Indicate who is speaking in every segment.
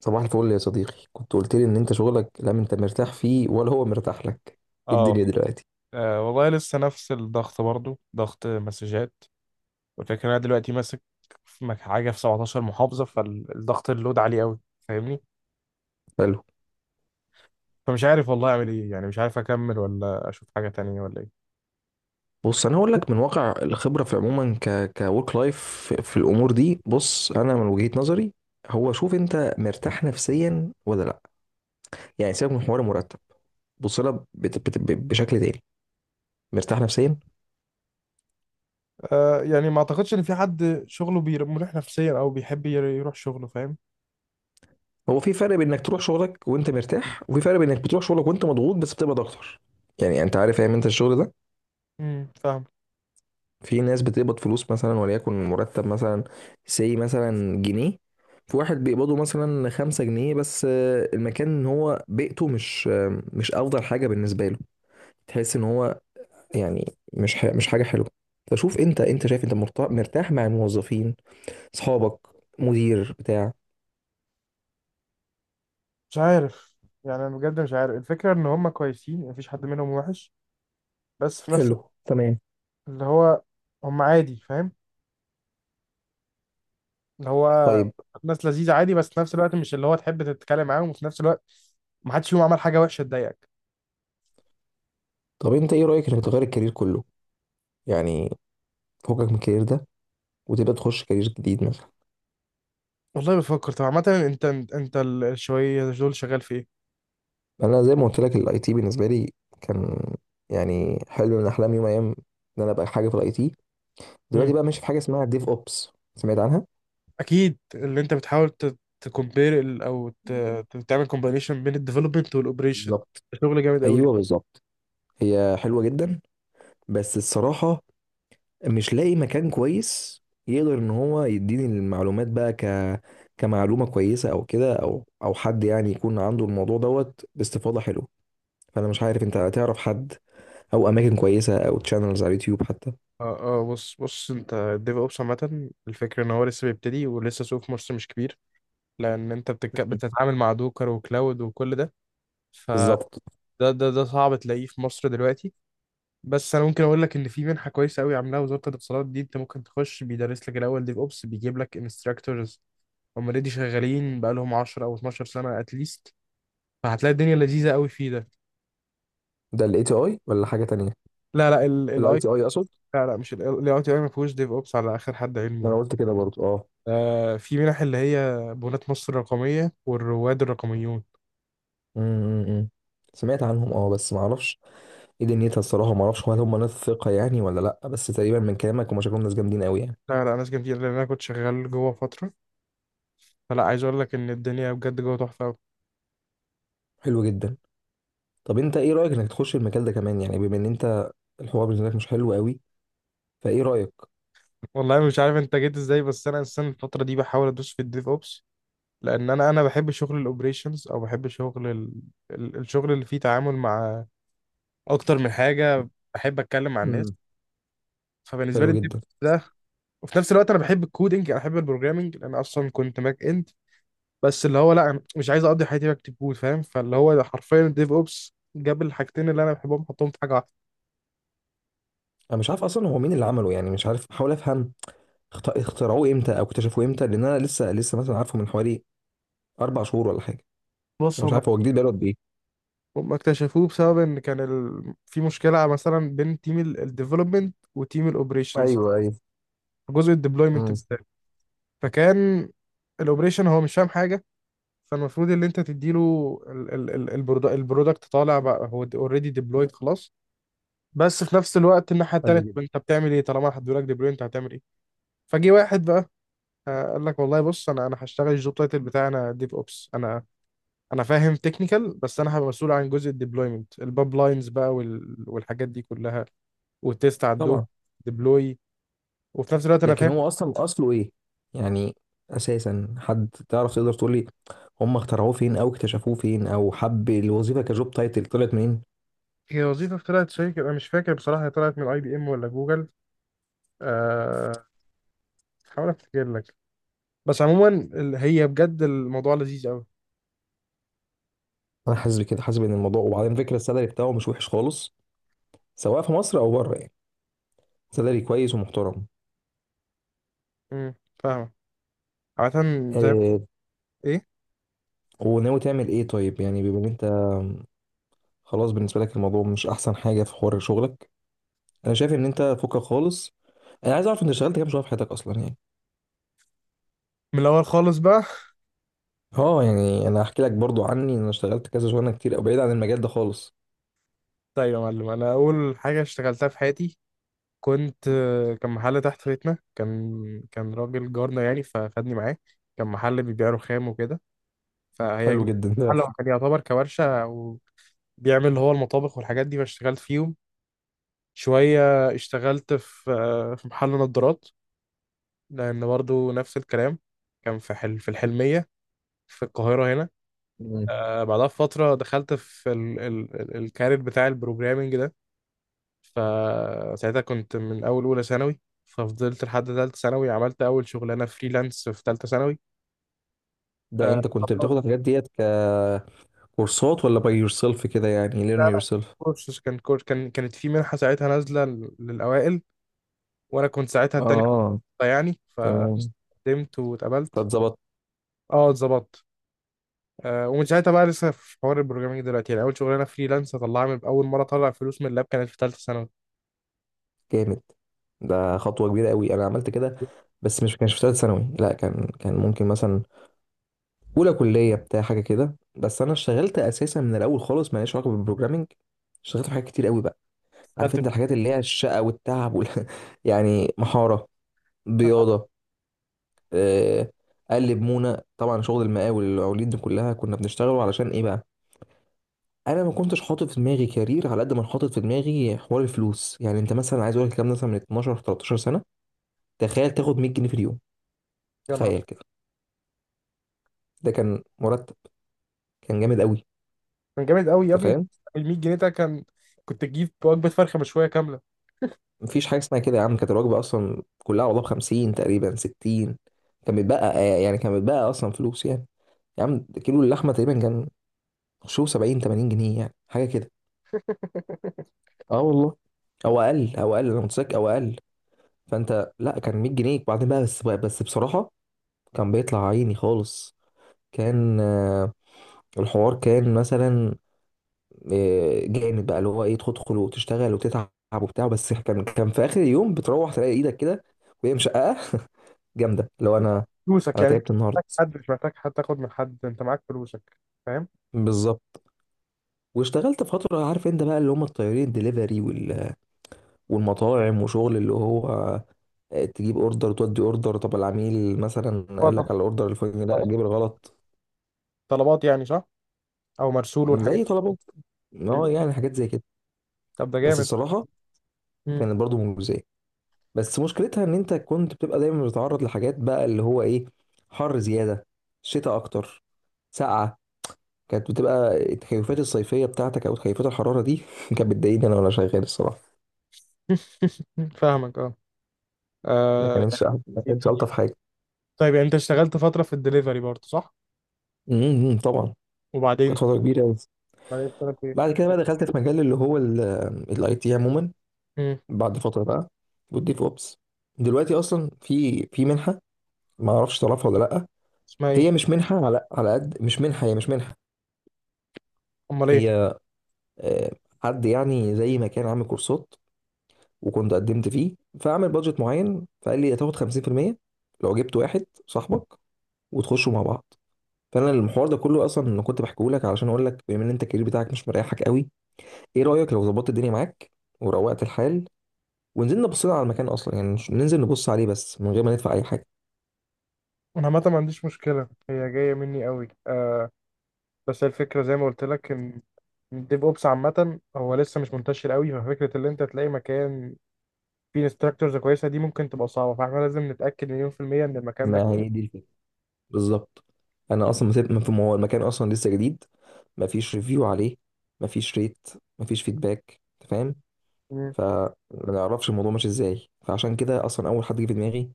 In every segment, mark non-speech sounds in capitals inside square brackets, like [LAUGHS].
Speaker 1: صباح الفل يا صديقي، كنت قلت لي ان انت شغلك لا انت مرتاح فيه ولا هو مرتاح لك. إيه الدنيا
Speaker 2: اه
Speaker 1: دلوقتي؟
Speaker 2: والله لسه نفس الضغط برضو ضغط مسجات. والفكرة إن انا دلوقتي ماسك في حاجة في 17 محافظة، فالضغط اللود عالي قوي، فاهمني.
Speaker 1: حلو.
Speaker 2: فمش عارف والله اعمل ايه، يعني مش عارف اكمل ولا اشوف حاجة تانية ولا ايه.
Speaker 1: بص انا هقول لك من واقع الخبره في عموما كورك لايف في الامور دي. بص انا من وجهه نظري، هو شوف انت مرتاح نفسيا ولا لا. يعني سيبك من حوار المرتب. بص لها بشكل تاني. مرتاح نفسيا؟
Speaker 2: يعني ما اعتقدش ان في حد شغله مريح نفسيا او بيحب يروح شغله، فاهم.
Speaker 1: هو في فرق بين انك تروح شغلك وانت مرتاح وفي فرق بين انك بتروح شغلك وانت مضغوط بس بتبقى اكتر. يعني انت عارف فاهم انت الشغل ده.
Speaker 2: فاهم.
Speaker 1: في ناس بتقبض فلوس مثلا وليكن مرتب مثلا سي مثلا جنيه، في واحد بيقبضه مثلا خمسة جنيه بس، المكان ان هو بيئته مش مش افضل حاجة بالنسبة له. تحس ان هو يعني مش حاجة حلوة. فشوف انت، شايف انت مرتاح مع الموظفين، اصحابك، مدير بتاع.
Speaker 2: مش عارف، يعني انا بجد مش عارف. الفكرة ان هم كويسين، مفيش حد منهم وحش، بس في نفس
Speaker 1: حلو
Speaker 2: الوقت
Speaker 1: تمام.
Speaker 2: اللي هو هم عادي، فاهم. اللي هو
Speaker 1: طيب،
Speaker 2: ناس لذيذة عادي، بس في نفس الوقت مش اللي هو تحب تتكلم معاهم، وفي نفس الوقت ما حدش فيهم عمل حاجة وحشة تضايقك.
Speaker 1: انت ايه رأيك انك تغير الكارير كله؟ يعني فوقك من الكارير ده وتبقى تخش كارير جديد.
Speaker 2: والله بفكر. طب عامة انت، انت الشوية دول شغال في ايه؟
Speaker 1: انا زي ما قلت لك الاي تي بالنسبه لي كان يعني حلم من احلام، يوم من الايام ان انا ابقى حاجه في الاي تي. دلوقتي
Speaker 2: مم.
Speaker 1: بقى ماشي في حاجه اسمها ديف اوبس. سمعت عنها؟
Speaker 2: اكيد اللي انت بتحاول تكومبير او تعمل كومبينيشن بين الديفلوبمنت والاوبريشن.
Speaker 1: بالظبط.
Speaker 2: شغل جامد قوي ده.
Speaker 1: ايوه بالظبط. هي حلوه جدا بس الصراحه مش لاقي مكان كويس يقدر ان هو يديني المعلومات بقى كمعلومه كويسه، او كده، او حد يعني يكون عنده الموضوع دوت باستفاضه حلوه. فانا مش عارف انت هتعرف حد، او اماكن كويسه، او تشانلز على اليوتيوب حتى.
Speaker 2: اه اه، بص بص، انت الديف اوبس عامة الفكرة ان هو لسه بيبتدي ولسه سوق في مصر مش كبير، لان انت بتتعامل مع دوكر وكلاود وكل ده. فده
Speaker 1: بالظبط.
Speaker 2: ده ده صعب تلاقيه في مصر دلوقتي. بس انا ممكن اقول لك ان في منحه كويسه قوي عاملاها وزاره الاتصالات دي، انت ممكن تخش بيدرس لك الاول ديف اوبس، بيجيب لك انستراكتورز هم اوريدي شغالين بقى لهم 10 او 12 سنه اتليست، فهتلاقي الدنيا لذيذه قوي فيه ده.
Speaker 1: ده الاي تي اي ولا حاجه تانية؟
Speaker 2: لا لا
Speaker 1: الاي
Speaker 2: الاي
Speaker 1: تي اي اقصد.
Speaker 2: لا لا مش الاي تي اي ما فيهوش ديف اوبس على اخر حد علمي.
Speaker 1: انا قلت كده برضو، اه.
Speaker 2: آه، في منح اللي هي بنات مصر الرقميه والرواد الرقميون.
Speaker 1: امم. سمعت عنهم اه بس ما اعرفش ايه دنيتها الصراحه. ما اعرفش هل هم ناس ثقه يعني ولا لا، بس تقريبا من كلامك هم شكلهم ناس جامدين قوي يعني.
Speaker 2: لا لا، ناس جميله، لان انا كنت شغال جوه فتره، فلا عايز اقول لك ان الدنيا بجد جوه تحفه قوي.
Speaker 1: حلو جدا. طب انت ايه رايك انك تخش المجال ده كمان، يعني بما ان انت الحوار بالنسبه لك مش حلو قوي؟ فايه رايك؟
Speaker 2: والله مش عارف انت جيت ازاي، بس انا السنه الفتره دي بحاول ادوس في الديف اوبس، لان انا بحب شغل الاوبريشنز، او بحب شغل الشغل اللي فيه تعامل مع اكتر من حاجه، بحب اتكلم مع الناس.
Speaker 1: امم.
Speaker 2: فبالنسبه لي
Speaker 1: حلو
Speaker 2: الديف
Speaker 1: جدا.
Speaker 2: ده. وفي نفس الوقت انا بحب الكودينج، انا بحب البروجرامينج، لان اصلا كنت باك اند، بس اللي هو لا أنا مش عايز اقضي حياتي بكتب كود، فاهم. فاللي هو ده حرفيا الديف اوبس جاب الحاجتين اللي انا بحبهم حطهم في حاجه واحده.
Speaker 1: انا مش عارف اصلا هو مين اللي عمله، يعني مش عارف بحاول افهم. اخترعوه امتى او اكتشفوه امتى؟ لان انا لسه مثلا عارفه من حوالي 4 شهور ولا حاجه.
Speaker 2: بص،
Speaker 1: فمش
Speaker 2: هم
Speaker 1: عارف هو جديد بقاله قد ايه.
Speaker 2: هم اكتشفوه بسبب ان كان في مشكله مثلا بين تيم الديفلوبمنت وتيم الاوبريشنز،
Speaker 1: ايوه ايوه.
Speaker 2: جزء الديبلويمنت.
Speaker 1: امم.
Speaker 2: فكان الاوبريشن هو مش فاهم حاجه، فالمفروض اللي انت تديله البرودكت طالع بقى، هو اوريدي ديبلويد خلاص. بس في نفس الوقت الناحيه التانيه، طب انت بتعمل ايه طالما هدوا لك ديبلوي، انت هتعمل ايه. فجي واحد بقى، قال لك والله بص، انا هشتغل الجوب تايتل بتاعي انا ديف اوبس. انا فاهم تكنيكال، بس انا هبقى مسؤول عن جزء الديبلويمنت الباب لاينز بقى والحاجات دي كلها، والتيست على الدوب
Speaker 1: طبعا.
Speaker 2: ديبلوي. وفي نفس الوقت انا
Speaker 1: لكن
Speaker 2: فاهم.
Speaker 1: هو اصلا اصله ايه يعني؟ اساسا حد تعرف تقدر تقول لي هم اخترعوه فين او اكتشفوه فين او حب الوظيفه كجوب تايتل طلعت منين؟
Speaker 2: هي وظيفه طلعت شركه، انا مش فاكر بصراحه هي طلعت من اي بي ام ولا جوجل. أه، هحاول افتكر لك. بس عموما هي بجد الموضوع لذيذ قوي.
Speaker 1: انا حاسس بكده، حاسس ان الموضوع، وبعدين فكره السالري بتاعه مش وحش خالص، سواء في مصر او بره يعني. سالري كويس ومحترم.
Speaker 2: امم، فاهمة عادة، زي
Speaker 1: آه.
Speaker 2: ايه.
Speaker 1: وناوي تعمل ايه طيب، يعني بما ان انت خلاص بالنسبه لك الموضوع مش احسن حاجه في حوار شغلك. انا شايف ان انت فكك خالص. انا عايز اعرف انت اشتغلت كام شهر في حياتك اصلا يعني.
Speaker 2: من الاول خالص بقى. [LAUGHS]
Speaker 1: اه، يعني انا هحكي لك برضو عني، انا اشتغلت كذا شغلانه كتير، او بعيد عن المجال ده خالص.
Speaker 2: طيب يا معلم، انا اول حاجة اشتغلتها في حياتي كنت آه، كان محل تحت بيتنا. كان راجل جارنا يعني فخدني معاه، كان محل بيبيع رخام وكده. فهي
Speaker 1: حلو جدا [LAUGHS] ده.
Speaker 2: محل هو كان يعتبر كورشة وبيعمل اللي هو المطابخ والحاجات دي، فاشتغلت فيهم شوية. اشتغلت في في محل نظارات، لأن برضو نفس الكلام، كان في حل في الحلمية في القاهرة هنا.
Speaker 1: مم.
Speaker 2: آه بعدها بفترة دخلت في ال ال ال الكارير بتاع البروجرامينج ده. فساعتها كنت من أول أولى ثانوي، ففضلت لحد تالتة ثانوي، عملت أول شغلانة فريلانس في تالتة ثانوي.
Speaker 1: ده
Speaker 2: آه
Speaker 1: انت كنت بتاخد الحاجات ديت ككورسات ولا باي يور سيلف كده يعني
Speaker 2: لا،
Speaker 1: ليرن يور
Speaker 2: لا،
Speaker 1: سيلف؟
Speaker 2: كورس كان كورس كان كانت في منحة ساعتها نازلة للأوائل، وأنا كنت ساعتها التاني
Speaker 1: اه.
Speaker 2: يعني.
Speaker 1: تمام.
Speaker 2: فقدمت واتقبلت.
Speaker 1: فاتظبط.
Speaker 2: اه، اتظبطت. ومن ساعتها بقى لسه في حوار البروجرامينج دلوقتي، يعني اول شغلانه فريلانس طلعها من اول مره طلع فلوس من اللاب كانت في ثالثه ثانوي.
Speaker 1: جامد. ده خطوه كبيره قوي، انا عملت كده بس مش كانش في ثالث ثانوي، لا، كان ممكن مثلا اولى كليه بتاع حاجه كده. بس انا اشتغلت اساسا من الاول خالص، ماليش علاقه بالبروجرامنج. اشتغلت في حاجات كتير قوي بقى.
Speaker 2: دخلت في
Speaker 1: عارف
Speaker 2: تالتة
Speaker 1: انت الحاجات اللي هي الشقه والتعب وال... [LAUGHS] يعني محاره،
Speaker 2: ثانوي،
Speaker 1: بياضه، آه، قلب مونا، طبعا شغل المقاول والمقاولين دي كلها. كنا بنشتغله علشان ايه بقى؟ انا ما كنتش حاطط في دماغي كارير على قد ما حاطط في دماغي حوار الفلوس. يعني انت مثلا، عايز اقول لك الكلام ده مثلا من 12 13 سنه، تخيل تاخد 100 جنيه في اليوم.
Speaker 2: يا نهار.
Speaker 1: تخيل كده. ده كان مرتب. كان جامد قوي.
Speaker 2: كان جامد قوي يا
Speaker 1: انت
Speaker 2: ابني.
Speaker 1: فاهم.
Speaker 2: ال 100 جنيه ده كنت تجيب وجبه فرخه مشويه كامله.
Speaker 1: مفيش حاجه اسمها كده يا عم، كانت الوجبه اصلا كلها والله ب 50 تقريبا 60. كان بيتبقى يعني كان بيتبقى اصلا فلوس يعني. يا عم، كيلو اللحمه تقريبا كان شو 70 80 جنيه يعني حاجه كده.
Speaker 2: [LAUGHS]
Speaker 1: اه والله. او اقل، او اقل انا متذكر، او اقل. فانت لا، كان 100 جنيه بعدين بقى. بس بصراحه كان بيطلع عيني خالص. كان الحوار كان مثلا جامد بقى، اللي هو ايه، تدخل وتشتغل وتتعب وبتاع. بس كان في اخر اليوم بتروح تلاقي ايدك كده وهي مشققه [LAUGHS] جامده، لو انا
Speaker 2: فلوسك، يعني مش
Speaker 1: تعبت النهارده.
Speaker 2: محتاج حد، مش محتاج حد تاخد من حد، انت معاك فلوسك، فاهم.
Speaker 1: بالظبط. واشتغلت فتره، عارف انت بقى اللي هم الطيارين، دليفري وال... والمطاعم وشغل اللي هو تجيب اوردر تودي اوردر. طب العميل مثلا
Speaker 2: هو
Speaker 1: قال لك على الاوردر الفلاني، لا
Speaker 2: طلبات،
Speaker 1: جيب الغلط.
Speaker 2: طلبات يعني صح، او مرسول والحاجات
Speaker 1: زي طلبات. اه
Speaker 2: دي.
Speaker 1: يعني حاجات زي كده.
Speaker 2: طب ده
Speaker 1: بس
Speaker 2: جامد.
Speaker 1: الصراحه
Speaker 2: مم.
Speaker 1: كانت برضو مجزيه. بس مشكلتها ان انت كنت بتبقى دايما بتتعرض لحاجات بقى اللي هو ايه، حر زياده، شتاء اكتر، سقعه. كانت بتبقى التكيفات الصيفيه بتاعتك او تكيفات الحراره دي [LAUGHS] كانت بتضايقني انا وانا شغال الصراحه.
Speaker 2: [LAUGHS] فاهمك، اه.
Speaker 1: ما
Speaker 2: آه،
Speaker 1: كانتش ما
Speaker 2: يعني
Speaker 1: كانتش الطف حاجه.
Speaker 2: طيب، يعني انت اشتغلت فتره في الدليفري برضه صح.
Speaker 1: امم. طبعا. كانت
Speaker 2: وبعدين
Speaker 1: فتره كبيره قوي.
Speaker 2: اشتغلت
Speaker 1: بعد كده بقى دخلت في مجال اللي هو الاي تي عموما.
Speaker 2: ايه.
Speaker 1: بعد فتره بقى والديف اوبس. دلوقتي اصلا في منحه، ما اعرفش تعرفها ولا لا.
Speaker 2: اسمها ايه.
Speaker 1: هي مش منحه، على قد، مش منحه، هي مش منحه.
Speaker 2: امال ايه.
Speaker 1: هي آه، حد يعني زي ما كان عامل كورسات وكنت قدمت فيه، فعمل بادجت معين فقال لي هتاخد 50% لو جبت واحد صاحبك وتخشوا مع بعض. فانا المحور ده كله اصلا انا كنت بحكيه لك علشان اقول لك، بما ان انت الكارير بتاعك مش مريحك قوي، ايه رايك لو ظبطت الدنيا معاك وروقت الحال ونزلنا بصينا على المكان اصلا؟ يعني ننزل نبص عليه بس من غير ما ندفع اي حاجه.
Speaker 2: انا عامه ما عنديش مشكله، هي جايه مني قوي آه. بس هي الفكره زي ما قلت لك ان الديف اوبس عامه هو لسه مش منتشر قوي، ففكره ان انت تلاقي مكان فيه انستراكتورز كويسه دي ممكن تبقى صعبه، فاحنا لازم نتاكد مليون في الميه ان المكان ده.
Speaker 1: ما هي دي الفكرة بالظبط. انا اصلا ما سبت ما هو المكان اصلا لسه جديد، ما فيش ريفيو عليه، ما فيش ريت، ما فيش فيدباك انت فاهم.
Speaker 2: مم.
Speaker 1: فما نعرفش الموضوع ماشي ازاي، فعشان كده اصلا اول حد جه في دماغي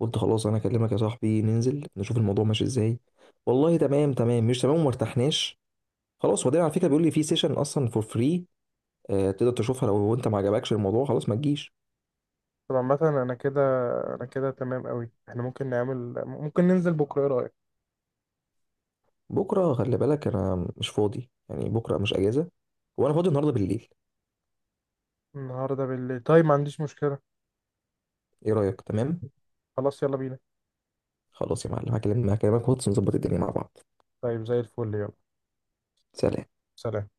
Speaker 1: قلت خلاص انا اكلمك يا صاحبي، ننزل نشوف الموضوع ماشي ازاي. والله تمام، تمام مش تمام وما ارتحناش، خلاص. وبعدين على فكره بيقول لي في سيشن اصلا فور فري تقدر تشوفها، لو انت ما عجبكش الموضوع خلاص ما تجيش.
Speaker 2: طب عامه انا كده، انا كده تمام قوي. احنا ممكن نعمل، ممكن ننزل بكره؟ ايه رايك.
Speaker 1: بكره خلي بالك انا مش فاضي يعني، بكره مش اجازه. وانا فاضي النهارده بالليل.
Speaker 2: النهارده بالليل؟ طيب ما عنديش مشكله.
Speaker 1: ايه رايك؟ تمام.
Speaker 2: خلاص يلا بينا.
Speaker 1: خلاص يا معلم، هكلمك واتس نظبط الدنيا مع بعض.
Speaker 2: طيب زي الفل، يلا.
Speaker 1: سلام.
Speaker 2: سلام.